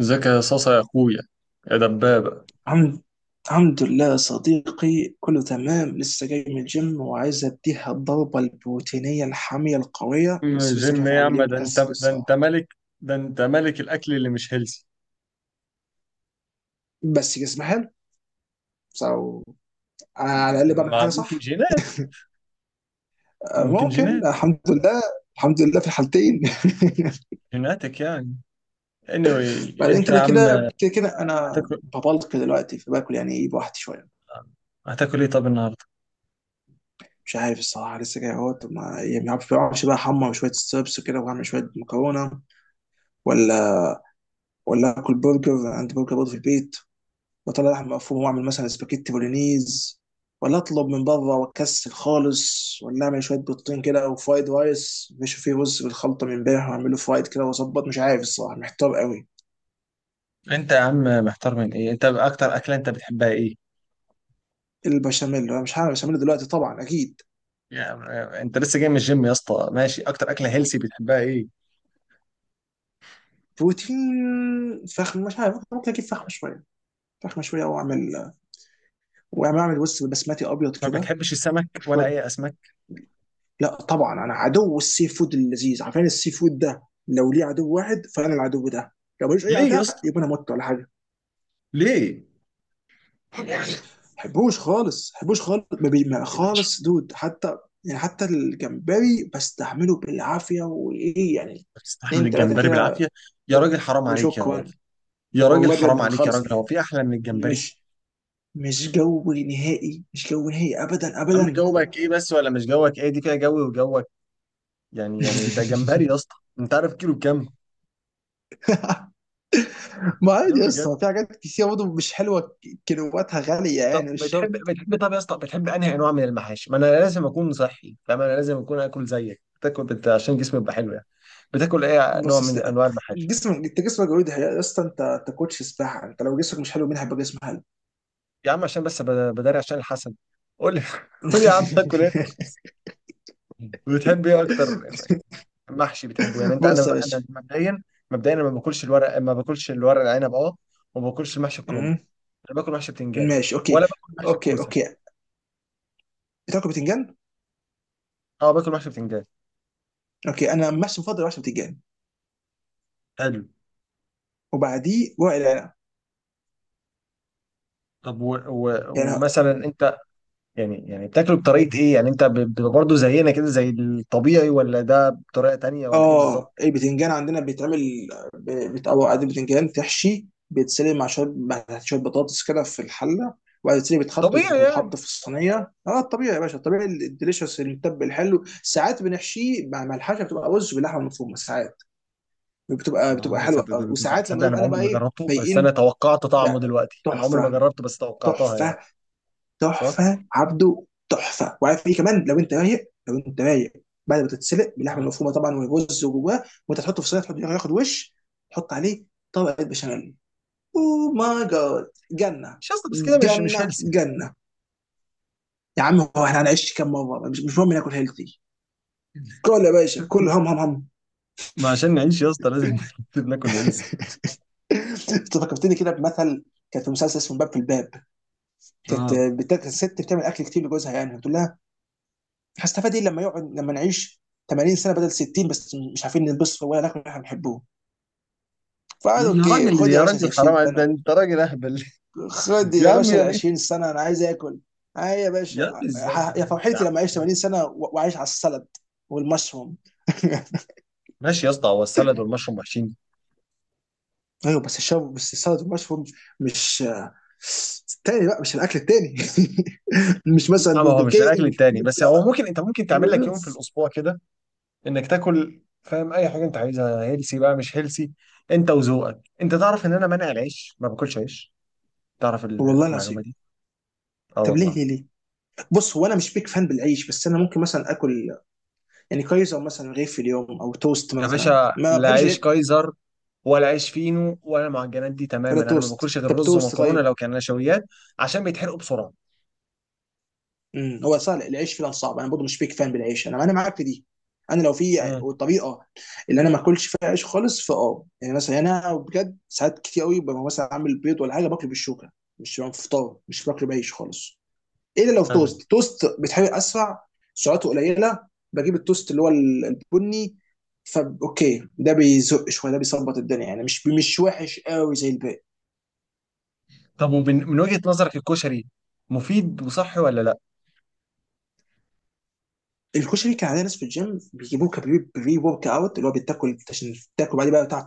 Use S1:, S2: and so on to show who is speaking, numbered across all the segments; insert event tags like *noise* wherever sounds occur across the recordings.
S1: ازيك يا صاصة يا اخويا يا دبابة.
S2: الحمد الحمد لله يا صديقي، كله تمام. لسه جاي من الجيم وعايز اديها الضربة البروتينية الحامية القوية، بس لسه مش
S1: جيم
S2: عارف
S1: ايه يا
S2: اعمل ايه
S1: عم؟ ده انت
S2: ومكسل
S1: ده انت
S2: الصراحة.
S1: ملك، ده انت ملك الاكل اللي مش هيلثي.
S2: بس جسمي حلو. so انا على الاقل بعمل
S1: ما
S2: حاجة
S1: ممكن
S2: صح.
S1: جينات، ممكن
S2: ممكن،
S1: جينات.
S2: الحمد لله. الحمد لله في الحالتين.
S1: جيناتك يعني.
S2: *laughs*
S1: Anyway
S2: بعدين
S1: انت يا
S2: كده
S1: عم.
S2: كده كده كده انا
S1: هتاكل.
S2: ببلك دلوقتي فباكل، يعني ايه، بوحدي شوية.
S1: هتاكل ايه طب النهارده؟
S2: مش عارف الصراحة، لسه جاي اهوت. ما يعني ما اعرفش ما أعرفش بقى، احمر شوية ستربس وكده واعمل شوية مكرونة، ولا ولا اكل برجر، عندي برجر برضه في البيت واطلع لحم مفروم واعمل مثلا سباكيتي بولينيز، ولا اطلب من بره واكسل خالص، ولا اعمل شويه بيضتين كده، او فرايد رايس، مش فيه رز بالخلطه من امبارح واعمله فرايد كده واظبط. مش عارف الصراحه، محتار قوي.
S1: انت يا عم محتار من ايه؟ انت اكتر اكلة انت بتحبها ايه
S2: البشاميل، انا مش عارف، البشاميل دلوقتي طبعا اكيد.
S1: يعني؟ انت لسه جاي من الجيم يا اسطى، ماشي، اكتر اكله هيلسي بتحبها ايه؟
S2: بروتين فخم، مش عارف، ممكن اجيب فخمه شويه، فخمه شويه واعمل، اعمل وز بسمتي ابيض
S1: ما
S2: كده
S1: بتحبش السمك ولا
S2: وشويه.
S1: اي اسماك؟
S2: لا طبعا، انا عدو السي فود اللذيذ، عارفين السي فود ده؟ لو ليه عدو واحد فانا العدو ده. لو ملوش اي
S1: ليه يا
S2: عداء
S1: اسطى؟
S2: يبقى انا مت ولا حاجه.
S1: ليه؟
S2: حبوش خالص، حبوش خالص ما بي- ما- خالص، دود حتى يعني. حتى الجمبري بستحمله بالعافيه، وايه يعني،
S1: بتستحمل
S2: اتنين تلاته
S1: الجمبري بالعافيه؟
S2: كده،
S1: يا راجل حرام عليك يا
S2: وشكرا.
S1: راجل. يا راجل
S2: والله بجد
S1: حرام
S2: ما
S1: عليك يا
S2: خالص.
S1: راجل، هو في احلى من الجمبري؟
S2: مش مش جو نهائي، مش جو نهائي ابدا
S1: يا عم
S2: ابدا.
S1: جوك ايه بس؟ ولا مش جوك؟ ايه دي فيها جوي وجوك يعني؟ يعني ده جمبري
S2: *laughs*
S1: يا اسطى، انت عارف كيلو بكام؟
S2: ما عادي
S1: كلام
S2: يا
S1: بجد.
S2: اسطى، في حاجات كتير برضه مش حلوه كيلواتها غاليه،
S1: طب
S2: يعني مش
S1: بتحب
S2: شرط.
S1: بتحب طب يا اسطى، بتحب انهي انواع من المحاشي؟ ما انا لازم اكون صحي فاهم، انا لازم اكون اكل زيك بتاكل عشان جسمي يبقى حلو يعني. بتاكل ايه نوع
S2: بص
S1: من
S2: اصل،
S1: انواع المحاشي؟
S2: جسمك انت، جسمك جوي يا اسطى. انت كوتش سباحه، انت لو جسمك مش حلو مين هيبقى جسمك حلو؟
S1: يا عم عشان بس بداري عشان الحسن. قول لي *laughs* قول لي يا عم، اكل ايه؟
S2: *laughs*
S1: بتحب ايه اكتر؟ محشي بتحبه يعني انت؟ انا
S2: بص يا باشا.
S1: انا مبدئيا أنا ما باكلش الورق، ما باكلش الورق العنب، اه، وما باكلش محشي الكرنب.
S2: مم.
S1: انا باكل محشي بتنجان،
S2: ماشي، اوكي.
S1: ولا باكل محشي
S2: اوكي،
S1: الكوسه.
S2: اوكي. بتاكل بتنجان.
S1: اه باكل محشي بتنجان.
S2: اوكي، انا مش مفضل عشان بتنجان.
S1: حلو.
S2: وبعديه ورق العنب
S1: طب
S2: يعني.
S1: ومثلا انت يعني، يعني بتاكله بطريقه ايه يعني؟ انت بتبقى برضه زينا كده زي الطبيعي، ولا ده بطريقه تانية ولا ايه
S2: اه
S1: بالظبط؟
S2: البتنجان عندنا بيتعمل، بيتقوى عادي، بتنجان تحشي، بيتسلق مع شويه، مع شويه بطاطس كده في الحله، وبعد كده بيتحط
S1: طبيعي يعني.
S2: بيتحط في الصينيه. اه الطبيعي يا باشا، الطبيعي الديليشس المتبل الحلو. ساعات بنحشيه مع الحشه، بتبقى رز باللحمه المفرومه. ساعات بتبقى
S1: اه
S2: حلوه
S1: تصدق
S2: قوي،
S1: ده بيكون
S2: وساعات
S1: تصدق
S2: لما ببقى
S1: انا
S2: انا
S1: عمري
S2: بقى
S1: ما
S2: ايه
S1: جربته بس انا
S2: فايقين.
S1: توقعت طعمه،
S2: لا،
S1: دلوقتي انا عمري ما
S2: تحفه،
S1: جربته بس توقعتها يعني.
S2: تحفه،
S1: صح.
S2: تحفه. عبده، تحفه. وعارف ايه كمان؟ لو انت رايق، لو انت رايق، بعد ما تتسلق باللحمه
S1: اه.
S2: المفرومه طبعا، والرز جواه، وانت تحطه في صينيه، تحط ياخد وش، تحط عليه طبقه بشاميل. اوه ماي جاد، جنه،
S1: مش يا اسطى بس كده مش
S2: جنه،
S1: هيلثي يعني.
S2: جنه. يا عم، هو احنا هنعيش كام مره؟ مش مهم ناكل هيلثي. كل يا باشا كل، هم هم هم.
S1: ما عشان نعيش يا اسطى لازم *laughs* لازم ناكل هيلثي.
S2: *laughs* انت فكرتني كده بمثل. كانت في مسلسل اسمه باب في الباب. كانت
S1: اه.
S2: بتاعت الست بتعمل اكل كتير لجوزها، يعني بتقول لها: هستفاد ايه لما يقعد، لما نعيش 80 سنه بدل 60 بس مش عارفين نلبس ولا ناكل اللي احنا بنحبوه؟ فقال:
S1: ليه يا
S2: اوكي،
S1: راجل؟
S2: خد يا
S1: يا
S2: باشا
S1: راجل حرام
S2: 20
S1: عليك، ده
S2: سنه.
S1: انت راجل اهبل.
S2: خد
S1: *laughs* يا
S2: يا
S1: عم
S2: باشا ال
S1: يعني.
S2: 20 سنه، انا عايز اكل. اي يا
S1: يا
S2: باشا،
S1: عم ازاي يا
S2: يا
S1: عم يا
S2: فرحتي
S1: عم؟
S2: لما اعيش 80 سنه واعيش على السلد والمشروم. *laughs*
S1: ماشي يا اسطى، هو السلد والمشروم وحشين؟
S2: ايوه بس الشاب بس السلد والمشروم، مش آه، التاني بقى مش الاكل التاني. *laughs* مش مثلا
S1: لا، ما هو
S2: برجر
S1: مش الاكل
S2: كينج، مش
S1: التاني، بس
S2: بيتزا.
S1: هو ممكن انت ممكن تعمل لك يوم في الاسبوع كده، انك تاكل فاهم اي حاجه انت عايزها، هيلسي بقى مش هيلسي. انت وذوقك. انت تعرف ان انا مانع العيش، ما باكلش عيش، تعرف
S2: والله
S1: المعلومه
S2: العظيم.
S1: دي؟ اه
S2: طب ليه،
S1: والله.
S2: ليه، ليه؟ بص، هو انا مش بيك فان بالعيش، بس انا ممكن مثلا اكل يعني كويس، او مثلا رغيف في اليوم، او توست
S1: يا
S2: مثلا.
S1: باشا
S2: ما
S1: لا
S2: بحبش
S1: عيش
S2: العيش
S1: كايزر ولا عيش فينو ولا المعجنات دي
S2: ولا
S1: تماما، انا ما
S2: توست.
S1: باكلش غير
S2: طب
S1: رز
S2: توست
S1: ومكرونه
S2: طيب.
S1: لو كان نشويات. عشان بيتحرقوا بسرعه.
S2: هو صار العيش فعلا صعب. انا برضه مش بيك فان بالعيش، انا معاك في دي. انا لو في
S1: امم
S2: طريقه اللي انا ما اكلش فيها عيش خالص، فاه يعني مثلا انا بجد ساعات كتير قوي ببقى مثلا عامل بيض ولا حاجه، باكله بالشوكه، مش في فطار، مش باكله بعيش خالص. إيه الا لو في
S1: حلو.
S2: توست، توست بيتحرق اسرع، سعراته قليله. بجيب التوست اللي هو البني. فا اوكي، ده بيزق شويه، ده بيظبط الدنيا، يعني مش وحش قوي زي الباقي.
S1: طب ومن وجهه نظرك الكشري مفيد وصحي ولا لا؟
S2: الكشري كان عندنا ناس في الجيم بيجيبوه، كبري بري ورك اوت، اللي هو بيتاكل عشان تاكل بعدين بقى بتاع،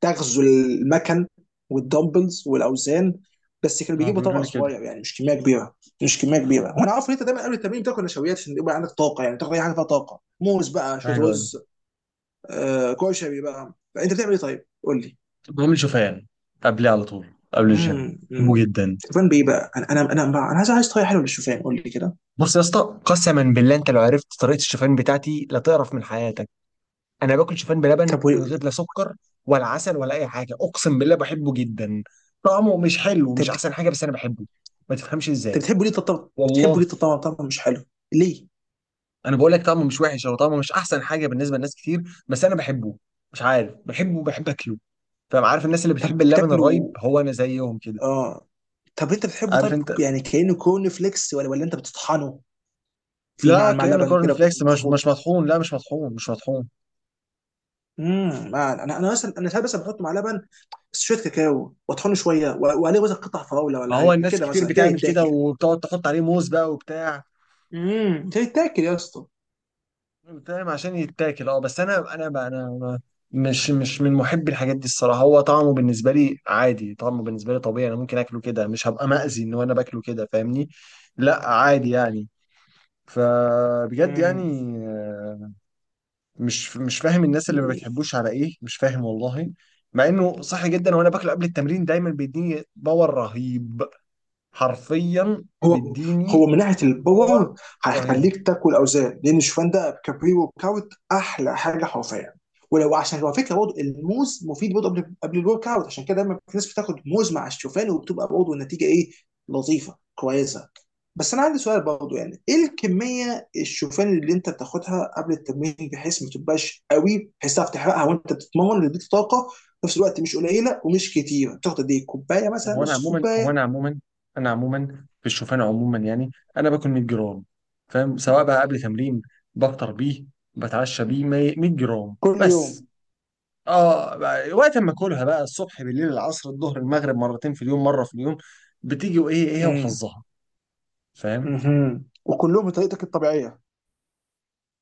S2: تغزو المكن والدمبلز والاوزان. بس كانوا
S1: ما هو
S2: بيجيبوا
S1: بيقولوا
S2: طبق
S1: لي كده.
S2: صغير يعني، مش كميه كبيره، مش كميه كبيره. وانا عارف ان انت دايما قبل التمرين بتاكل نشويات عشان يبقى عندك طاقه، يعني تاخد اي حاجه فيها طاقه، موز بقى، شويه
S1: ايوه.
S2: رز، آه كشري. بقى انت بتعمل ايه طيب؟ قول لي.
S1: بقوم شوفان قبليه على طول قبل الجيم،
S2: امم
S1: بحبه
S2: امم
S1: جدا.
S2: شوفان بايه بقى؟ انا عايز، عايز طريقه حلوه للشوفان، قول لي كده.
S1: بص يا اسطى، قسما بالله انت لو عرفت طريقه الشوفان بتاعتي لا تعرف من حياتك. انا باكل شوفان بلبن
S2: طب و-.
S1: من غير لا سكر ولا عسل ولا اي حاجه، اقسم بالله بحبه جدا. طعمه مش حلو،
S2: طب
S1: مش احسن حاجه، بس انا بحبه. ما تفهمش
S2: طب-
S1: ازاي.
S2: بتحبوا ليه؟ بتحبوا
S1: والله
S2: ليه طب طبعا طبعا مش حلو. ليه؟
S1: انا بقول لك طعمه مش وحش، او طعمه مش احسن حاجه بالنسبه لناس كتير، بس انا بحبه. مش عارف، بحبه وبحب اكله فاهم. عارف الناس اللي
S2: طب
S1: بتحب اللبن الرايب؟
S2: بتاكله،
S1: هو انا زيهم كده.
S2: اه. طب انت بتحبه
S1: عارف
S2: طيب،
S1: انت؟
S2: يعني كانه كورن فليكس، ولا ولا انت بتطحنه في
S1: لا
S2: مع
S1: كأنه
S2: لبن
S1: كورن
S2: وكده، بتبقى
S1: فليكس، مش
S2: مخفوق.
S1: مطحون، لا مش مطحون مش مطحون.
S2: انا ساعات بس بحط مع لبن شويه كاكاو واطحنه شويه، وعليه مثلا قطع فراوله
S1: ما
S2: ولا حاجه
S1: هو الناس
S2: كده،
S1: كتير
S2: مثلا كده
S1: بتعمل كده
S2: يتاكل.
S1: وبتقعد تحط عليه موز بقى وبتاع،
S2: كده يتاكل يا اسطى.
S1: بتعمل عشان يتاكل. اه بس انا بقى، أنا مش من محبي الحاجات دي الصراحه. هو طعمه بالنسبه لي عادي، طعمه بالنسبه لي طبيعي، انا ممكن اكله كده مش هبقى مأذي ان انا باكله كده فاهمني. لا عادي يعني. فبجد يعني.
S2: امم
S1: مش فاهم الناس اللي ما بتحبوش على ايه، مش فاهم والله، مع انه صحي جدا وانا باكله قبل التمرين دايما بيديني باور رهيب. حرفيا
S2: هو هو
S1: بيديني
S2: من ناحيه
S1: باور
S2: الباور،
S1: رهيب.
S2: هيخليك تاكل اوزان، لان شوفان ده كابريو كاوت، احلى حاجه حرفيا. ولو عشان على فكره برضه الموز مفيد برضه قبل الورك اوت، عشان كده دايما في ناس بتاخد موز مع الشوفان، وبتبقى برضه النتيجه ايه، لطيفه كويسه. بس انا عندي سؤال برضه، يعني ايه الكميه الشوفان اللي انت بتاخدها قبل التمرين، بحيث ما تبقاش قوي بحيث تعرف تحرقها وانت بتتمرن، اللي يديك طاقه في نفس الوقت، مش قليله ومش كتيره؟ بتاخد قد ايه؟ كوبايه؟ مثلا
S1: هو انا
S2: نص
S1: عموما هو
S2: كوبايه؟
S1: انا عموما انا عموما في الشوفان عموما يعني، انا باكل 100 جرام فاهم، سواء بقى قبل تمرين، بفطر بيه، بتعشى بيه، 100 جرام
S2: كل
S1: بس. اه وقت ما اكلها بقى، الصبح بالليل العصر الظهر المغرب، مرتين في اليوم، مره في اليوم، بتيجي وايه ايه
S2: يوم
S1: وحظها فاهم.
S2: مهم، وكلهم بطريقتك الطبيعيه.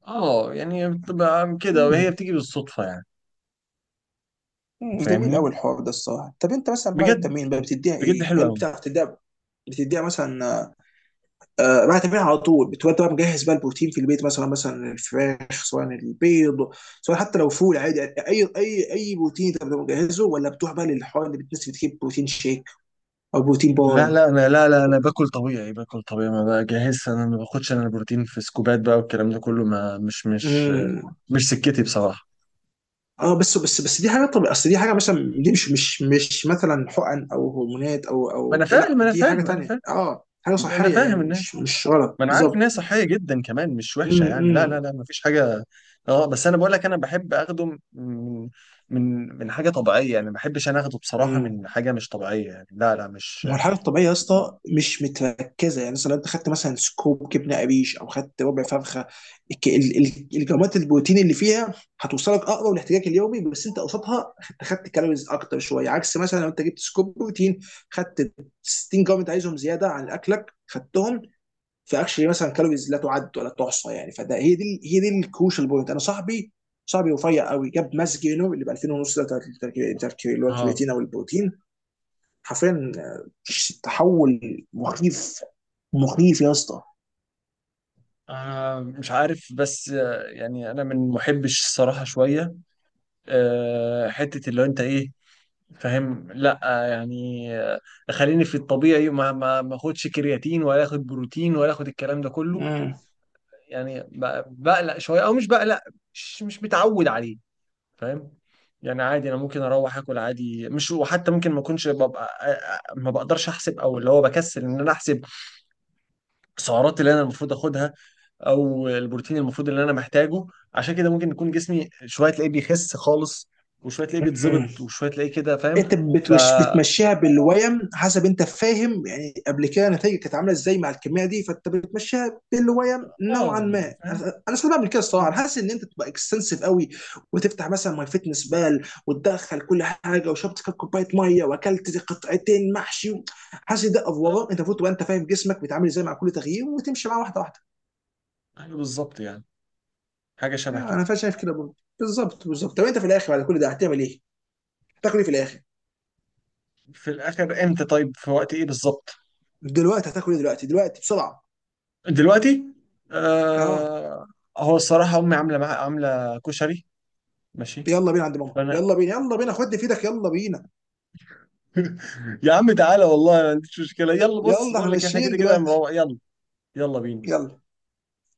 S1: اه يعني بتبقى كده وهي
S2: مم.
S1: بتيجي بالصدفه يعني.
S2: جميل قوي
S1: فاهمني.
S2: الحوار ده الصراحه. طب انت مثلا بعد
S1: بجد
S2: التمرين بقى بتديها
S1: بجد
S2: ايه؟
S1: حلو
S2: هل
S1: قوي.
S2: بتعرف تديها؟ بتديها مثلا آه؟ بعد التمرين على طول بتبقى بقى مجهز بقى البروتين في البيت، مثلا مثلا الفراخ، سواء البيض، سواء حتى لو فول عادي، اي اي اي بروتين انت بتبقى مجهزه، ولا بتروح بقى للحوار اللي بتنسي، بتجيب بروتين شيك او بروتين
S1: لا
S2: بار.
S1: لا انا لا لا انا باكل طبيعي، ما بجهزش انا، ما باخدش انا البروتين في سكوبات بقى والكلام ده كله، ما مش مش
S2: مم.
S1: مش سكتي بصراحه.
S2: اه بس دي حاجه طبيعيه، اصل دي حاجه مثلا دي مش مثلا حقن او هرمونات،
S1: ما انا
S2: لا
S1: فاهم انا
S2: دي حاجه
S1: فاهم انا
S2: تانية،
S1: فاهم
S2: اه حاجه
S1: انا
S2: صحيه
S1: فاهم
S2: يعني،
S1: ان
S2: مش مش غلط
S1: ما انا عارف ان
S2: بالظبط.
S1: هي صحيه جدا كمان مش وحشه
S2: امم
S1: يعني، لا
S2: امم
S1: لا لا ما فيش حاجه. اه بس انا بقول لك انا بحب اخده من من حاجه طبيعيه يعني، ما بحبش انا اخده بصراحه
S2: إمم.
S1: من حاجه مش طبيعيه يعني، لا لا مش.
S2: ما هو الحاجه الطبيعيه يا اسطى مش متركزه. يعني مثلا لو انت خدت مثلا سكوب جبنه قريش، او خدت ربع فرخه، الجرامات البروتين اللي فيها هتوصلك اقرب لاحتياجك اليومي، بس انت قصادها خدت كالوريز اكتر شويه. عكس مثلا لو انت جبت سكوب بروتين، خدت 60 جرام انت عايزهم زياده عن اكلك، خدتهم فاكشلي مثلا كالوريز لا تعد ولا تحصى يعني. فده، هي دي الكروشال بوينت. انا صاحبي، صاحبي رفيع قوي، جاب ماس جينو اللي ب 2000 ونص ده، اللي هو
S1: اه
S2: الكرياتين او البروتين. حرفيا تحول مخيف، مخيف يا اسطى.
S1: انا مش عارف بس يعني، انا من محبش الصراحه شويه. حتة اللي هو انت ايه فاهم؟ لا يعني خليني في الطبيعي، ما اخدش كرياتين ولا اخد بروتين ولا اخد الكلام ده كله.
S2: مم.
S1: يعني بقلق شوية او مش بقلق، مش متعود عليه فاهم. يعني عادي انا ممكن اروح اكل عادي مش، وحتى ممكن ما اكونش ببقى ما بقدرش احسب او اللي هو بكسل ان انا احسب السعرات اللي انا المفروض اخدها، او البروتين المفروض اللي انا محتاجه. عشان كده ممكن يكون جسمي شويه تلاقيه بيخس خالص، وشويه تلاقيه
S2: مم.
S1: بيتظبط، وشويه تلاقيه كده
S2: انت
S1: فاهم. ف
S2: بتوش
S1: اه
S2: بتمشيها بالويم حسب، انت فاهم، يعني قبل كده نتائجك كانت عامله ازاي مع الكميه دي، فانت بتمشيها بالويم نوعا
S1: يعني
S2: ما.
S1: فاهم.
S2: انا ساعات بعمل كده الصراحه. انا حاسس ان انت تبقى اكستنسيف قوي، وتفتح مثلا ماي فيتنس بال وتدخل كل حاجه، وشربت كام كوبايه ميه، واكلت قطعتين محشي. حاسس ده
S1: آه،
S2: افوره. انت المفروض تبقى انت فاهم جسمك بيتعامل ازاي مع كل تغيير، وتمشي معاه واحده واحده
S1: ايوه بالظبط يعني، حاجه
S2: يعني.
S1: شبه
S2: انا
S1: كده.
S2: فعلا شايف كده برضه، بالظبط بالظبط. طب انت في الاخر بعد كل ده هتعمل ايه؟ هتاكل ايه في الاخر؟
S1: في الاخر امتى؟ طيب في وقت ايه بالظبط؟
S2: دلوقتي هتاكل ايه دلوقتي؟ دلوقتي بسرعه.
S1: دلوقتي.
S2: اه.
S1: آه. هو الصراحه امي عامله عامله كشري. ماشي.
S2: يلا بينا عند ماما،
S1: فانا
S2: يلا بينا، يلا بينا، خد في ايدك، يلا بينا.
S1: *laughs* يا عم تعالى، والله ما عنديش مشكله، يلا بص
S2: يلا احنا
S1: بقول لك احنا
S2: ماشيين
S1: كده كده
S2: دلوقتي.
S1: مروق، يلا يلا بينا.
S2: يلا.